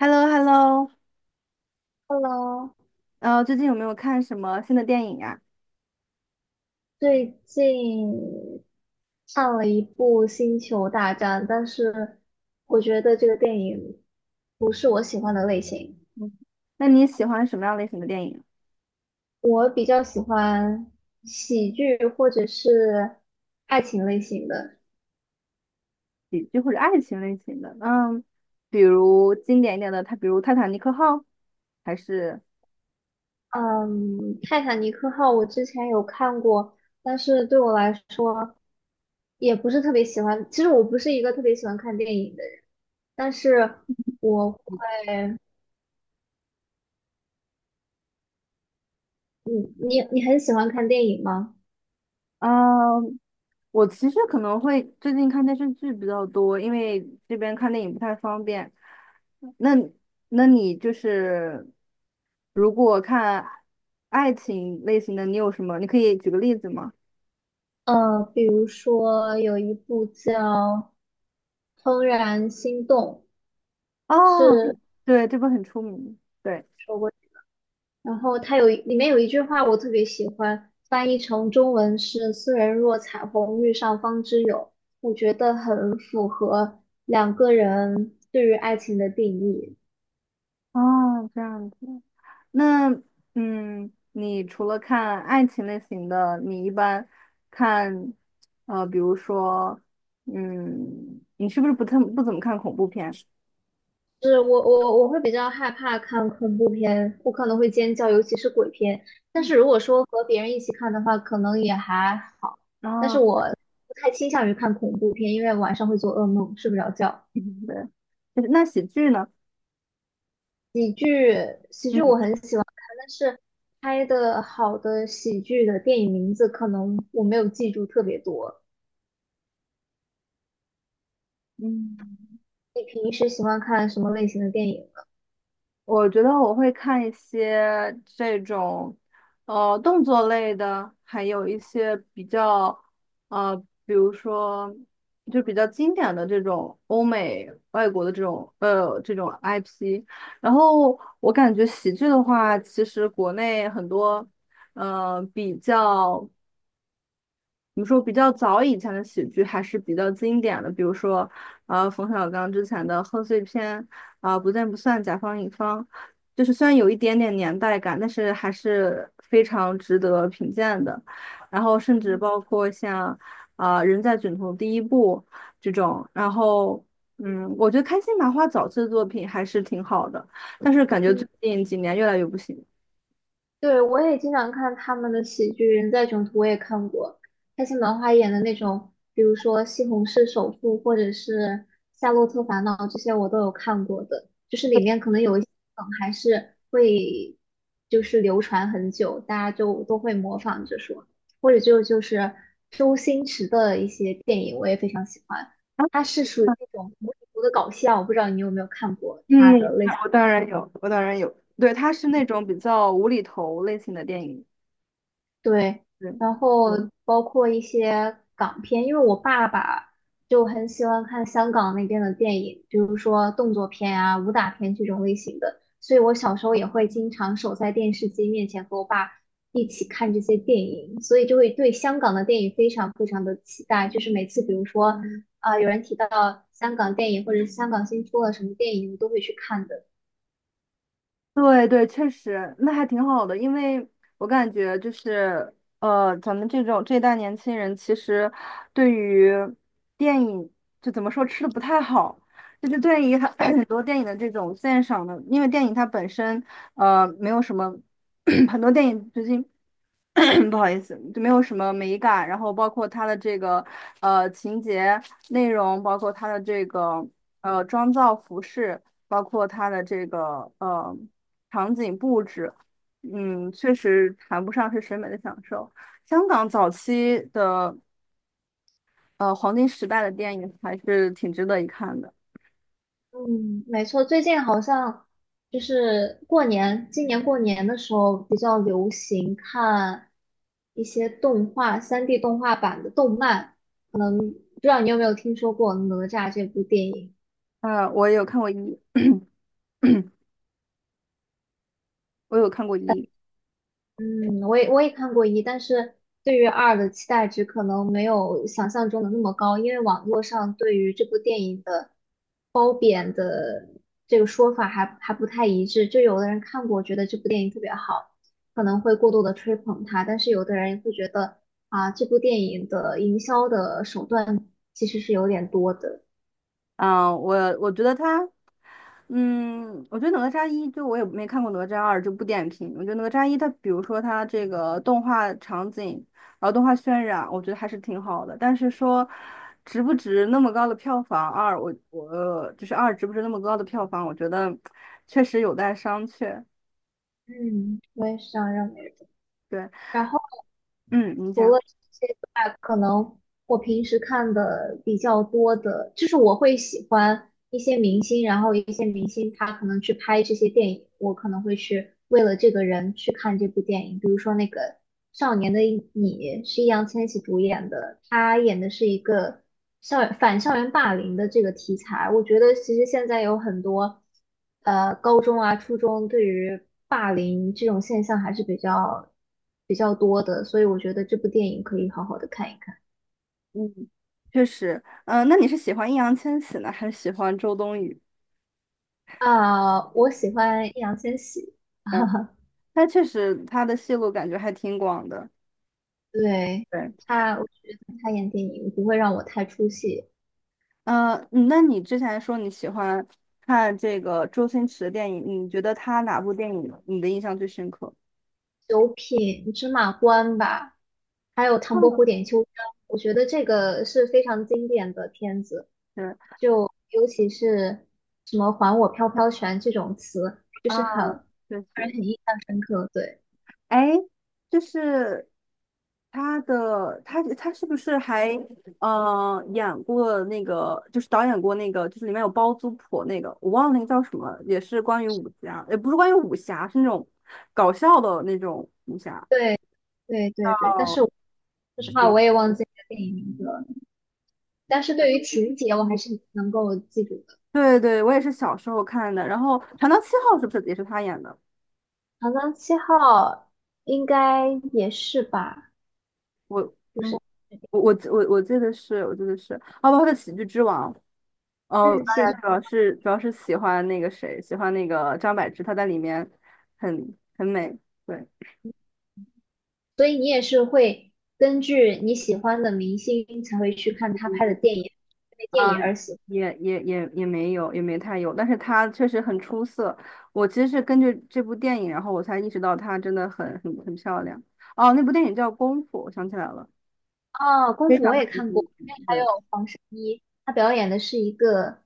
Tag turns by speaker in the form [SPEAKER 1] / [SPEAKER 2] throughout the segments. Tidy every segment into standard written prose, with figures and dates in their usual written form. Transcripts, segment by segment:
[SPEAKER 1] h e l l o h e l l o
[SPEAKER 2] Hello，
[SPEAKER 1] 最近有没有看什么新的电影呀？
[SPEAKER 2] 最近看了一部《星球大战》，但是我觉得这个电影不是我喜欢的类型。
[SPEAKER 1] 嗯，那你喜欢什么样类型的电影？
[SPEAKER 2] 我比较喜欢喜剧或者是爱情类型的。
[SPEAKER 1] 喜剧或者爱情类型的？嗯，比如经典一点的，它比如《泰坦尼克号》，还是
[SPEAKER 2] 嗯，《泰坦尼克号》我之前有看过，但是对我来说也不是特别喜欢。其实我不是一个特别喜欢看电影的人，但是我，你很喜欢看电影吗？
[SPEAKER 1] 嗯，我其实可能会最近看电视剧比较多，因为这边看电影不太方便。那那你就是如果看爱情类型的，你有什么？你可以举个例子吗？
[SPEAKER 2] 比如说有一部叫《怦然心动》，
[SPEAKER 1] 哦，对，这部很出名。对。
[SPEAKER 2] 说过，然后它里面有一句话我特别喜欢，翻译成中文是"斯人若彩虹，遇上方知有"，我觉得很符合两个人对于爱情的定义。
[SPEAKER 1] 哦，这样子。那你除了看爱情类型的，你一般看比如说你是不是不太不怎么看恐怖片？
[SPEAKER 2] 是我会比较害怕看恐怖片，我可能会尖叫，尤其是鬼片。但是如果说和别人一起看的话，可能也还好。但是
[SPEAKER 1] 啊、
[SPEAKER 2] 我不太倾向于看恐怖片，因为晚上会做噩梦，睡不着觉。
[SPEAKER 1] 对，就是那喜剧呢？嗯
[SPEAKER 2] 但是拍的好的喜剧的电影名字，可能我没有记住特别多。
[SPEAKER 1] 嗯，
[SPEAKER 2] 你平时喜欢看什么类型的电影呢？
[SPEAKER 1] 我觉得我会看一些这种，动作类的，还有一些比较，呃，比如说就比较经典的这种欧美外国的这种，这种 IP。然后我感觉喜剧的话，其实国内很多，呃，比较。怎么说比较早以前的喜剧还是比较经典的，比如说，冯小刚之前的贺岁片，啊、不见不散，甲方乙方，就是虽然有一点点年代感，但是还是非常值得品鉴的。然后甚至
[SPEAKER 2] 嗯，
[SPEAKER 1] 包括像，啊、人在囧途第一部这种，然后，嗯，我觉得开心麻花早期的作品还是挺好的，但是感觉最近几年越来越不行。
[SPEAKER 2] 对，我也经常看他们的喜剧，《人在囧途》我也看过，开心麻花演的那种，比如说《西红柿首富》或者是《夏洛特烦恼》这些，我都有看过的。就是里面可能有一些梗还是会就是流传很久，大家就都会模仿着说，或者就是周星驰的一些电影，我也非常喜欢。
[SPEAKER 1] 啊。
[SPEAKER 2] 他是属于那种无厘头的搞笑，我不知道你有没有看过
[SPEAKER 1] 嗯，
[SPEAKER 2] 他的
[SPEAKER 1] 我
[SPEAKER 2] 类似。
[SPEAKER 1] 我当然有，我当然有。对，它是那种比较无厘头类型的电影。
[SPEAKER 2] 对，
[SPEAKER 1] 对
[SPEAKER 2] 然后包括一些港片，因为我爸爸就很喜欢看香港那边的电影，比如说动作片啊、武打片这种类型的，所以我小时候也会经常守在电视机面前和我爸一起看这些电影，所以就会对香港的电影非常非常的期待。就是每次比如说有人提到香港电影或者是香港新出了什么电影，我都会去看的。
[SPEAKER 1] 对对，确实，那还挺好的，因为我感觉就是，咱们这种这一代年轻人，其实对于电影就怎么说吃的不太好，就是对于很 很多电影的这种鉴赏的，因为电影它本身，没有什么 很多电影最近 不好意思，就没有什么美感，然后包括它的这个情节内容，包括它的这个妆造服饰，包括它的这个场景布置，嗯，确实谈不上是审美的享受。香港早期的黄金时代的电影还是挺值得一看的。
[SPEAKER 2] 嗯，没错，最近好像就是过年，今年过年的时候比较流行看一些动画3D 动画版的动漫，可能不知道你有没有听说过《哪吒》这部电影。
[SPEAKER 1] 我有看过一，我有看过一。
[SPEAKER 2] 嗯，我也看过一，但是对于二的期待值可能没有想象中的那么高，因为网络上对于这部电影的褒贬的这个说法还不太一致。就有的人看过，觉得这部电影特别好，可能会过度的吹捧它，但是有的人会觉得啊，这部电影的营销的手段其实是有点多的。
[SPEAKER 1] 嗯，我觉得他，我觉得哪吒一就我也没看过哪吒二，就不点评。我觉得哪吒一它，比如说它这个动画场景，然后动画渲染，我觉得还是挺好的。但是说值不值那么高的票房，二我就是二值不值那么高的票房，我觉得确实有待商榷。
[SPEAKER 2] 嗯，我也是这样认为的。
[SPEAKER 1] 对，
[SPEAKER 2] 然后。
[SPEAKER 1] 嗯，你
[SPEAKER 2] 除
[SPEAKER 1] 讲，
[SPEAKER 2] 了这些之外，可能我平时看的比较多的，就是我会喜欢，一些明星，然后一些明星他可能去拍这些电影，我可能会去为了这个人去看这部电影。比如说那个《少年的你》是易烊千玺主演的，他演的是一个校园霸凌的这个题材。我觉得其实现在有很多高中啊、初中对于霸凌这种现象还是比较多的，所以我觉得这部电影可以好好的看一看。
[SPEAKER 1] 嗯，确实，嗯、那你是喜欢易烊千玺呢，还是喜欢周冬雨？
[SPEAKER 2] 啊、我喜欢易烊千玺，
[SPEAKER 1] 嗯，他确实他的戏路感觉还挺广的。
[SPEAKER 2] 对，
[SPEAKER 1] 对。
[SPEAKER 2] 我觉得他演电影不会让我太出戏。
[SPEAKER 1] 那你之前说你喜欢看这个周星驰的电影，你觉得他哪部电影你的印象最深刻？
[SPEAKER 2] 九品芝麻官吧，还有唐伯虎
[SPEAKER 1] 嗯，
[SPEAKER 2] 点秋香，我觉得这个是非常经典的片子。
[SPEAKER 1] 是
[SPEAKER 2] 就尤其是什么"还我飘飘拳"这种词，就
[SPEAKER 1] 啊，
[SPEAKER 2] 是很
[SPEAKER 1] 确
[SPEAKER 2] 让人
[SPEAKER 1] 实，
[SPEAKER 2] 很印象深刻。对，
[SPEAKER 1] 哎，就是他的他他是不是还演过那个，就是导演过那个，就是里面有包租婆那个，我忘了那个叫什么也是关于武侠，也不是关于武侠，是那种搞笑的那种武侠，
[SPEAKER 2] 对，对，对，对。但
[SPEAKER 1] 哦，
[SPEAKER 2] 是我说实
[SPEAKER 1] 什
[SPEAKER 2] 话，
[SPEAKER 1] 么？
[SPEAKER 2] 我也忘记这个电影名字了。但是对于情节，我还是能够记住的。
[SPEAKER 1] 对对，我也是小时候看的。然后《船到七号》是不是也是他演的？
[SPEAKER 2] 《长江七号》应该也是吧？
[SPEAKER 1] 我
[SPEAKER 2] 就
[SPEAKER 1] 嗯，
[SPEAKER 2] 是。
[SPEAKER 1] 我我我我记得是，我记得是，哦，包括他的《喜剧之王》。哦，
[SPEAKER 2] 嗯，是
[SPEAKER 1] 当然主要是喜欢那个谁，喜欢那个张柏芝，她在里面很美。对，
[SPEAKER 2] 所以你也是会根据你喜欢的明星才会去看他拍的
[SPEAKER 1] 嗯
[SPEAKER 2] 电影，因为电
[SPEAKER 1] 啊，
[SPEAKER 2] 影而喜
[SPEAKER 1] 也没有，也没太有，但是她确实很出色。我其实是根据这部电影，然后我才意识到她真的很漂亮。哦，那部电影叫《功夫》，我想起来了，
[SPEAKER 2] 欢。哦，功
[SPEAKER 1] 非
[SPEAKER 2] 夫
[SPEAKER 1] 常
[SPEAKER 2] 我
[SPEAKER 1] 非
[SPEAKER 2] 也
[SPEAKER 1] 常
[SPEAKER 2] 看过，
[SPEAKER 1] 经典
[SPEAKER 2] 还
[SPEAKER 1] 对。
[SPEAKER 2] 有黄圣依，她表演的是一个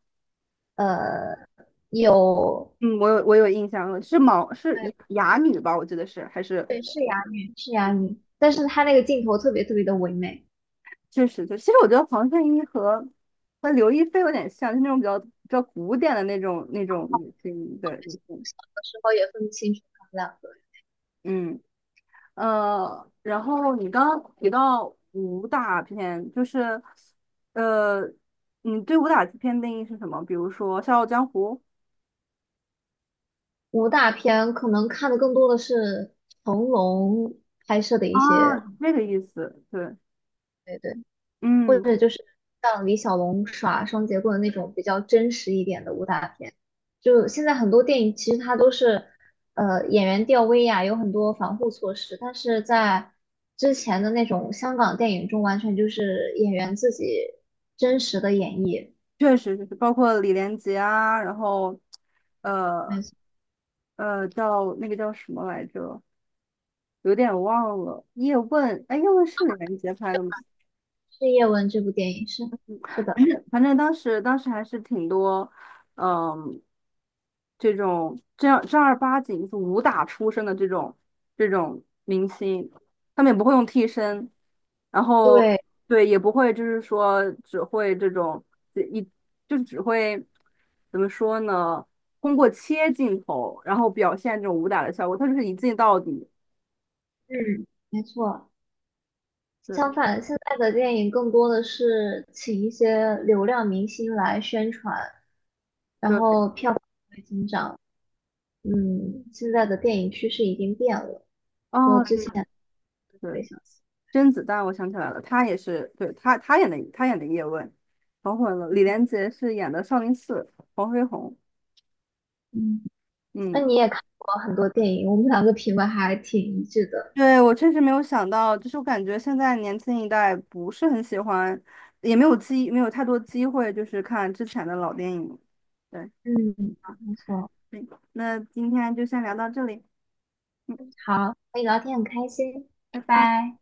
[SPEAKER 2] 有，
[SPEAKER 1] 嗯，我有印象了，是
[SPEAKER 2] 对
[SPEAKER 1] 哑女吧？我记得是还是
[SPEAKER 2] 对，是哑女，是哑女，但是她那个镜头特别特别的唯美，有
[SPEAKER 1] 确实就，其实我觉得黄圣依和刘亦菲有点像，就那种比较比较古典的那种女性的女性。
[SPEAKER 2] 时候也分不清楚他们两个人。
[SPEAKER 1] 嗯然后你刚刚提到武打片，就是呃，你对武打片定义是什么？比如说《笑傲江湖》
[SPEAKER 2] 武打片可能看的更多的是成龙拍摄的一
[SPEAKER 1] 啊，
[SPEAKER 2] 些。
[SPEAKER 1] 这个意思，对，
[SPEAKER 2] 对对。或
[SPEAKER 1] 嗯。
[SPEAKER 2] 者就是像李小龙耍双截棍的那种比较真实一点的武打片。就现在很多电影其实它都是，演员吊威亚，有很多防护措施，但是在之前的那种香港电影中，完全就是演员自己真实的演绎。
[SPEAKER 1] 确实就是包括李连杰啊，然后
[SPEAKER 2] 没
[SPEAKER 1] 呃
[SPEAKER 2] 错，
[SPEAKER 1] 叫那个叫什么来着，有点忘了。叶问，哎，叶问是李连杰拍的吗？
[SPEAKER 2] 是叶问这部电影是的，
[SPEAKER 1] 反正当时还是挺多，嗯，这种正儿八经就是武打出身的这种明星，他们也不会用替身，然后
[SPEAKER 2] 对，
[SPEAKER 1] 对也不会就是说只会这种一就是只会怎么说呢？通过切镜头，然后表现这种武打的效果，他就是一镜到底。
[SPEAKER 2] 嗯，没错。相
[SPEAKER 1] 对
[SPEAKER 2] 反，现在的电影更多的是请一些流量明星来宣传，然
[SPEAKER 1] 对，
[SPEAKER 2] 后票房会增长。嗯，现在的电影趋势已经变了，和
[SPEAKER 1] 哦，
[SPEAKER 2] 之
[SPEAKER 1] 对
[SPEAKER 2] 前不
[SPEAKER 1] 对。
[SPEAKER 2] 太相似。
[SPEAKER 1] 甄子丹，我想起来了，他也是，对，他演的叶问，搞混了。李连杰是演的少林寺黄飞鸿。
[SPEAKER 2] 嗯，那
[SPEAKER 1] 嗯，
[SPEAKER 2] 你也看过很多电影，我们两个品味还挺一致的。
[SPEAKER 1] 对，我确实没有想到，就是我感觉现在年轻一代不是很喜欢，也没有太多机会，就是看之前的老电影。对，
[SPEAKER 2] 嗯，没错。
[SPEAKER 1] 嗯那今天就先聊到这里，
[SPEAKER 2] 好，和你聊天很开心，拜
[SPEAKER 1] 拜拜。
[SPEAKER 2] 拜。